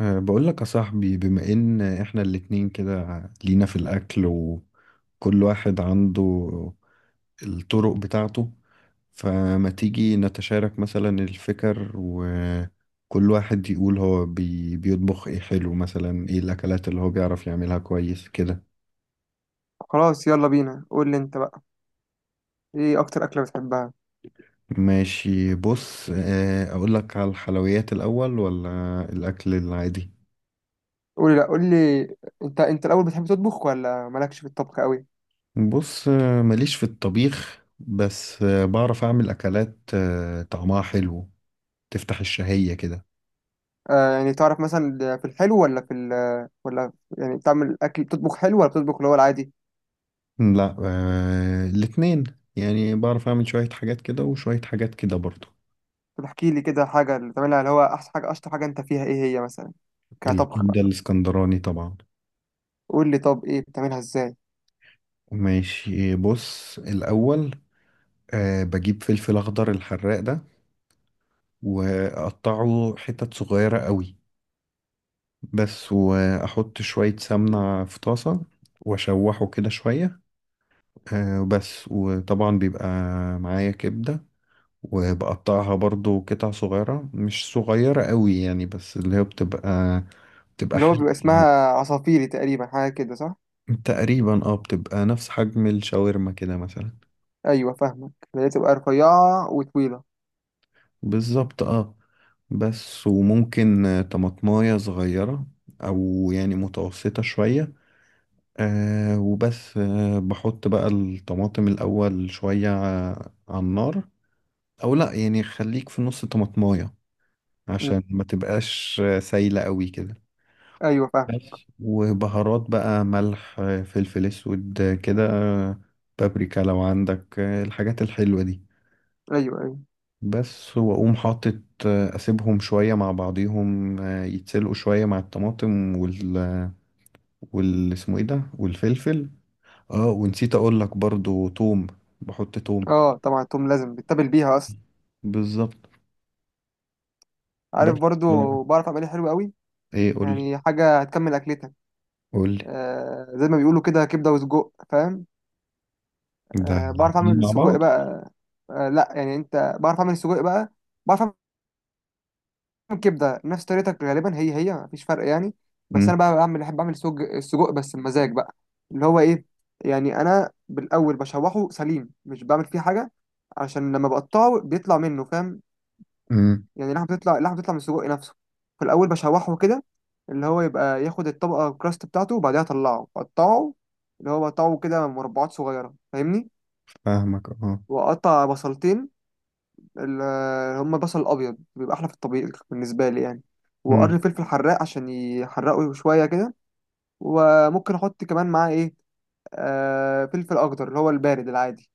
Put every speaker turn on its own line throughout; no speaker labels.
بقول لك يا صاحبي، بما ان احنا الاتنين كده لينا في الاكل، وكل واحد عنده الطرق بتاعته. فما تيجي نتشارك مثلا الفكر، وكل واحد يقول هو بيطبخ ايه حلو، مثلا ايه الاكلات اللي هو بيعرف يعملها كويس كده.
خلاص، يلا بينا. قول لي انت بقى، ايه اكتر اكله بتحبها؟
ماشي، بص اقول لك على الحلويات الاول ولا الاكل العادي؟
قول لي، لا قول لي. انت الاول، بتحب تطبخ ولا مالكش في الطبخ قوي؟
بص ماليش في الطبيخ، بس بعرف اعمل اكلات طعمها حلو، تفتح الشهية كده.
آه، يعني تعرف مثلا في الحلو ولا في ال ولا يعني بتعمل اكل، بتطبخ حلو ولا بتطبخ اللي هو العادي؟
لا، الاتنين. يعني بعرف أعمل شوية حاجات كده وشوية حاجات كده برضو.
طب احكي لي كده حاجه اللي بتعملها، اللي هو احسن حاجه، اشطر حاجه انت فيها ايه هي مثلا، كطبخ بقى؟
الكبدة الإسكندراني طبعا.
قول لي، طب ايه بتعملها ازاي؟
ماشي، بص الأول بجيب فلفل أخضر الحراق ده، وأقطعه حتت صغيرة قوي بس، وأحط شوية سمنة في طاسة وأشوحه كده شوية. بس وطبعا بيبقى معايا كبدة، وبقطعها برضو قطع صغيرة، مش صغيرة قوي يعني، بس اللي هي بتبقى
اللي هو بيبقى
حجم.
اسمها عصافيري تقريبا، حاجه كده، صح؟
تقريبا اه، بتبقى نفس حجم الشاورما كده مثلا.
ايوه فاهمك، اللي هي تبقى رفيعه وطويله.
بالظبط اه. بس وممكن طماطماية صغيرة، أو يعني متوسطة شوية. وبس بحط بقى الطماطم الأول شوية على النار، أو لأ، يعني خليك في نص طماطماية
مم.
عشان ما تبقاش سايلة قوي كده.
ايوه فاهمك.
بس وبهارات بقى: ملح فلفل اسود كده بابريكا لو عندك الحاجات الحلوة دي.
ايوه، ايوه.
بس واقوم حاطط اسيبهم شوية مع بعضيهم يتسلقوا شوية مع الطماطم وال وال اسمه ايه ده، والفلفل. اه ونسيت اقول لك برضو توم، بحط توم.
اه طبعا التوم لازم بتتبل بيها اصلا.
بالظبط. بس
عارف،
آه،
برضو بعرف اعملها حلو قوي.
ايه؟ قول.
يعني حاجه هتكمل اكلتك.
قول.
آه زي ما بيقولوا كده، كبده وسجق، فاهم.
ده
آه بعرف
الاتنين
اعمل
مع
سجق
بعض.
بقى. آه لا يعني انت، بعرف اعمل سجق بقى، بعرف اعمل كبده نفس طريقتك غالبا، هي هي مفيش فرق يعني. بس
مم.
انا بقى بعمل، احب اعمل السجق بس بمزاج بقى. اللي هو ايه، يعني انا بالاول بشوحه سليم، مش بعمل فيه حاجه، عشان لما بقطعه بيطلع منه، فاهم.
مم.
يعني اللحمة بتطلع، اللحمة بتطلع من السجق نفسه. في الأول بشوحه كده، اللي هو يبقى ياخد الطبقة الكراست بتاعته، وبعدها أطلعه أقطعه، اللي هو بقطعه كده مربعات صغيرة، فاهمني.
فاهمك اه.
وأقطع بصلتين، اللي هما بصل الأبيض، بيبقى أحلى في الطبيخ بالنسبة لي يعني.
مم.
وقرن فلفل حراق عشان يحرقه شوية كده. وممكن أحط كمان معاه إيه، آه فلفل أخضر اللي هو البارد العادي.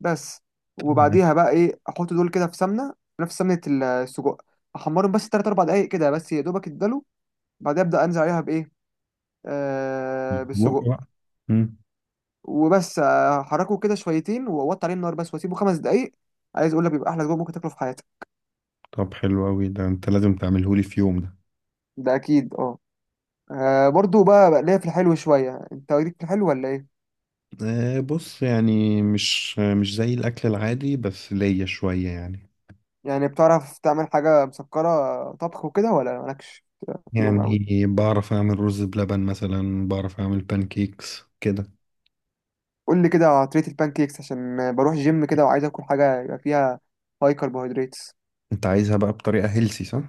بس.
تمام.
وبعديها بقى إيه، أحط دول كده في سمنة، نفس سمنة السجق. أحمرهم بس 3 4 دقايق كده، بس يا دوبك يتدلوا. بعدها ابدا انزل عليها بايه، آه
بق
بالسجق.
بقى. مم.
وبس احركه كده شويتين، واوطي عليه النار، بس واسيبه 5 دقايق. عايز اقول لك بيبقى احلى سجق ممكن تاكله في حياتك.
طب حلو أوي ده، أنت لازم تعملهولي في يوم ده.
ده اكيد اه. برضو بقى ليا في الحلو شويه. انت ليك في الحلو ولا ايه؟
بص يعني مش زي الأكل العادي، بس ليا شوية يعني.
يعني بتعرف تعمل حاجه مسكره طبخ وكده، ولا مالكش فيهم قوي؟
يعني بعرف أعمل رز بلبن مثلا، بعرف أعمل بانكيكس كده.
قول لي كده على طريقه البان كيكس، عشان بروح جيم كده وعايز اكل حاجه يبقى فيها هاي كربوهيدرات.
أنت عايزها بقى بطريقة هيلسي، صح؟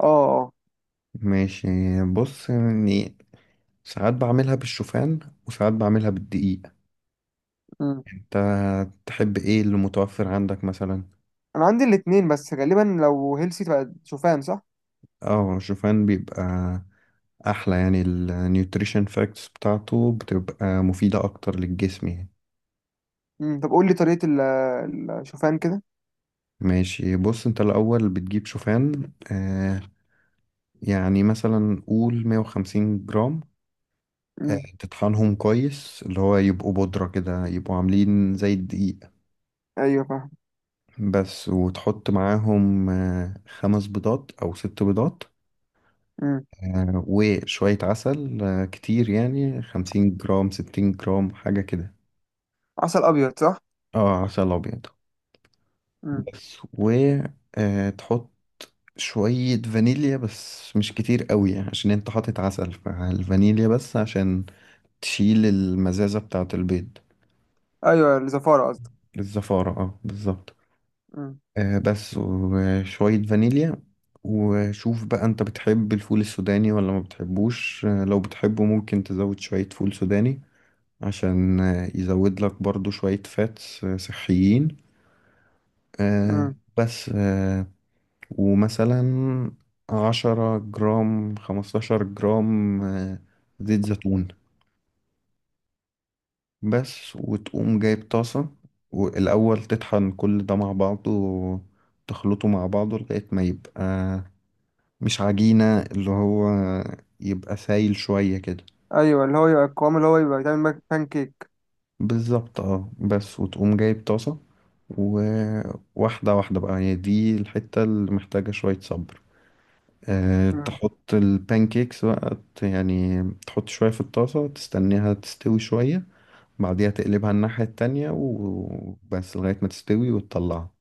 اه. اه.
ماشي، بص يعني ساعات بعملها بالشوفان وساعات بعملها بالدقيق.
مم.
أنت تحب إيه اللي متوفر عندك مثلا؟
انا عندي الاتنين، بس غالبا لو هيلسي تبقى شوفان، صح؟
اه، الشوفان بيبقى أحلى، يعني النيوتريشن فاكتس بتاعته بتبقى مفيدة أكتر للجسم يعني.
مم. طب قول لي طريقة الشوفان كده.
ماشي، بص انت الأول بتجيب شوفان، يعني مثلا قول 150 جرام.
مم.
تطحنهم كويس، اللي هو يبقوا بودرة كده، يبقوا عاملين زي الدقيق.
ايوه فاهم.
بس وتحط معاهم خمس بيضات أو ست بيضات.
مم.
وشوية عسل، كتير يعني 50 جرام، 60 جرام، حاجة كده.
عسل ابيض، صح؟
اه، عسل أبيض.
مم.
بس وتحط شوية فانيليا، بس مش كتير قوي يعني، عشان انت حاطط عسل، فالفانيليا بس عشان تشيل المزازة بتاعة البيض.
ايوه الزفارة قصدك.
الزفارة اه، بالظبط.
مم.
بس وشوية فانيليا. وشوف بقى انت بتحب الفول السوداني ولا ما بتحبوش؟ لو بتحبه، ممكن تزود شوية فول سوداني عشان يزود لك برضو شوية فاتس صحيين. آه
مم.
بس ومثلا 10 جرام، 15 جرام زيت زيتون. بس وتقوم جايب طاسة، والأول تطحن كل ده مع بعضه وتخلطه مع بعضه لغاية ما يبقى مش عجينة، اللي هو يبقى سايل شوية كده.
ايوه، اللي هو يبقى القوام، اللي هو يبقى يتعمل بان كيك.
بالظبط اه. بس وتقوم جايب طاسة، وواحدة واحدة بقى. هي دي الحتة اللي محتاجة شوية صبر.
مم.
تحط البانكيكس بقى، يعني تحط شوية في الطاسة، تستنيها تستوي شوية. بعديها تقلبها الناحية التانية، وبس لغاية ما تستوي وتطلعها.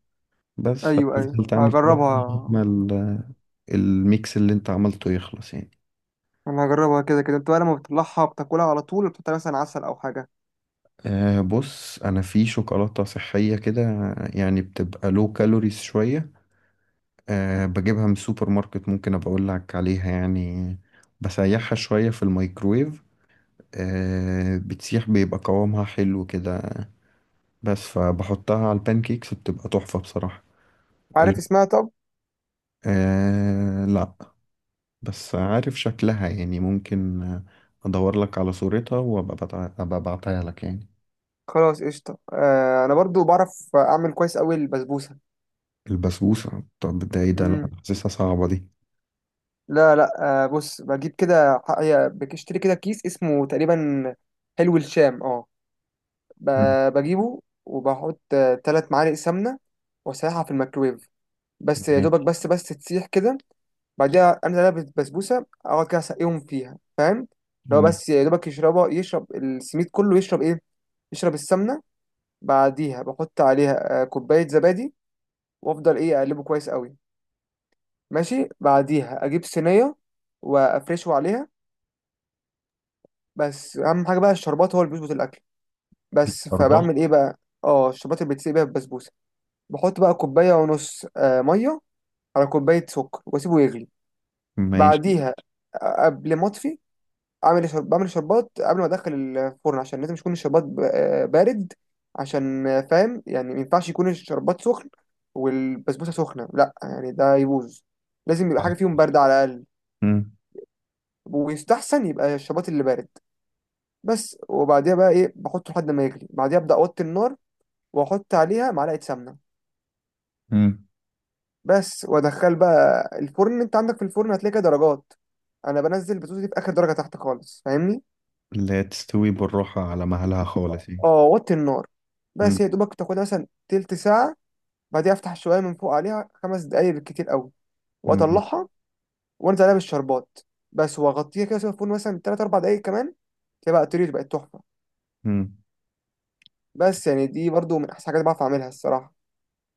بس
ايوه ايوه،
هتفضل تعمل كده لغاية
هجربها.
ما الميكس اللي انت عملته يخلص يعني.
انا هجربها كده كده. انت بقى لما بتطلعها بتاكلها على طول، وبتحط مثلا عسل او حاجة؟
بص، انا في شوكولاتة صحية كده، يعني بتبقى لو كالوريز شوية. بجيبها من السوبر ماركت، ممكن ابقى اقول لك عليها يعني. بسيحها شوية في الميكرويف، بتسيح بيبقى قوامها حلو كده. بس فبحطها على البانكيكس بتبقى تحفة بصراحة.
عارف
ال...
اسمها، طب؟
آه لا. بس عارف شكلها يعني، ممكن ادور لك على صورتها، وابقى أبقى ابعتها لك يعني.
خلاص قشطة. آه انا برضو بعرف اعمل كويس قوي البسبوسة.
البسبوسة؟ طب ده ايه ده؟ لا،
مم.
حاسسها صعبة دي.
لا، لا. آه بص، بجيب كده، هي بتشتري كده كيس اسمه تقريبا حلو الشام، اه.
مم.
بجيبه وبحط 3 معالق سمنة، وأسيحها في الميكرويف، بس يا دوبك،
ماشي.
بس تسيح كده. بعديها أنزل عليها بالبسبوسة، أقعد كده أسقيهم فيها، فاهم. لو
مم.
بس يا دوبك يشربها، يشرب السميد كله، يشرب إيه، يشرب السمنة. بعديها بحط عليها كوباية زبادي. وأفضل إيه أقلبه كويس قوي. ماشي. بعديها أجيب صينية وأفرشه عليها. بس أهم حاجة بقى الشربات، هو اللي بيظبط الأكل. بس
أربعة.
فبعمل إيه بقى. اه الشربات اللي بتسيب بيها البسبوسة، بحط بقى كوباية ونص مية، على كوباية سكر، وأسيبه يغلي.
ماشي.
بعديها قبل ما أطفي، أعمل بعمل شربات قبل ما أدخل الفرن، عشان لازم يكون الشربات بارد. عشان فاهم، يعني ما ينفعش يكون الشربات سخن والبسبوسة سخنة، لأ يعني ده يبوظ. لازم يبقى حاجة فيهم باردة على الأقل،
مم.
ويستحسن يبقى الشربات اللي بارد. بس وبعديها بقى إيه بحطه لحد ما يغلي. بعديها أبدأ أوطي النار وأحط عليها معلقة سمنة.
مم.
بس وادخل بقى الفرن. انت عندك في الفرن هتلاقي كده درجات، انا بنزل البطاطس دي في اخر درجه تحت خالص، فاهمني.
لا، تستوي بالراحة على مهلها خالص يعني.
اه وطي النار،
مم.
بس يا دوبك تاخدها مثلا تلت ساعه. بعديها افتح شويه من فوق عليها 5 دقايق بالكتير قوي،
مم.
واطلعها. وانزل عليها بالشربات، بس واغطيها كده واسيبها في الفرن مثلا 3 4 دقايق كمان. تلاقي بقى الطريقة بقت تحفه.
مم.
بس يعني دي برضو من احسن حاجات بعرف اعملها الصراحه.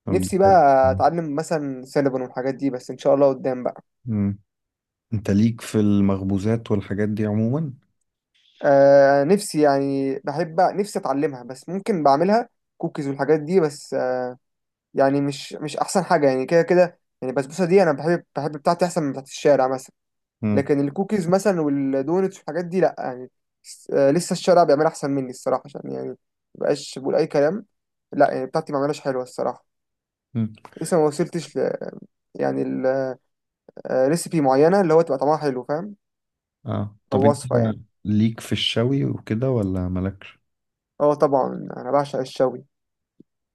طب ده
نفسي
حلو.
بقى اتعلم مثلا سينابون والحاجات دي، بس ان شاء الله قدام بقى.
مم. انت ليك في المخبوزات والحاجات دي عموما؟
آه نفسي يعني، بحب نفسي اتعلمها، بس ممكن بعملها كوكيز والحاجات دي، بس آه يعني مش احسن حاجه، يعني كده كده. يعني البسبوسه دي انا بحب بتاعتي احسن من بتاعت الشارع مثلا.
مم.
لكن الكوكيز مثلا والدونتس والحاجات دي لا يعني، آه لسه الشارع بيعملها احسن مني الصراحه. عشان يعني مبقاش بقول اي كلام، لا يعني بتاعتي ما عملهاش حلوه الصراحه.
مم.
لسه ما وصلتش ل، يعني، ريسيبي معينه اللي هو تبقى طعمها حلو، فاهم.
اه، طب
او
انت
وصفه يعني.
ليك في الشوي وكده ولا مالكش؟
اه طبعا انا بعشق الشوي.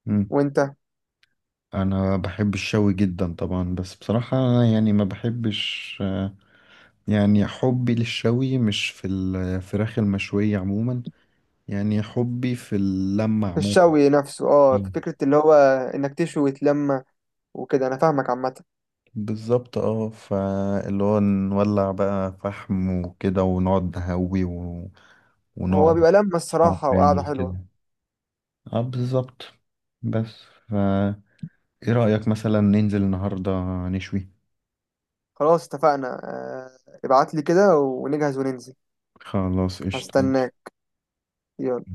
مم.
وانت.
انا بحب الشوي جدا طبعا. بس بصراحة أنا يعني ما بحبش يعني حبي للشوي مش في الفراخ المشوية عموما، يعني حبي في اللمة
في
عموما.
الشوي نفسه اه، في
مم.
فكرة اللي هو انك تشوي وتلمى وكده، انا فاهمك عامة.
بالظبط اه. فاللي هو نولع بقى فحم وكده، ونقعد نهوي
هو
ونقعد
بيبقى لمة
نسمع
الصراحة
أغاني
وقعدة حلوة.
وكده. اه، بالظبط. بس فا ايه رأيك مثلا ننزل النهاردة نشوي؟
خلاص اتفقنا، آه ابعت لي كده ونجهز وننزل.
خلاص قشطة.
هستناك. يلا.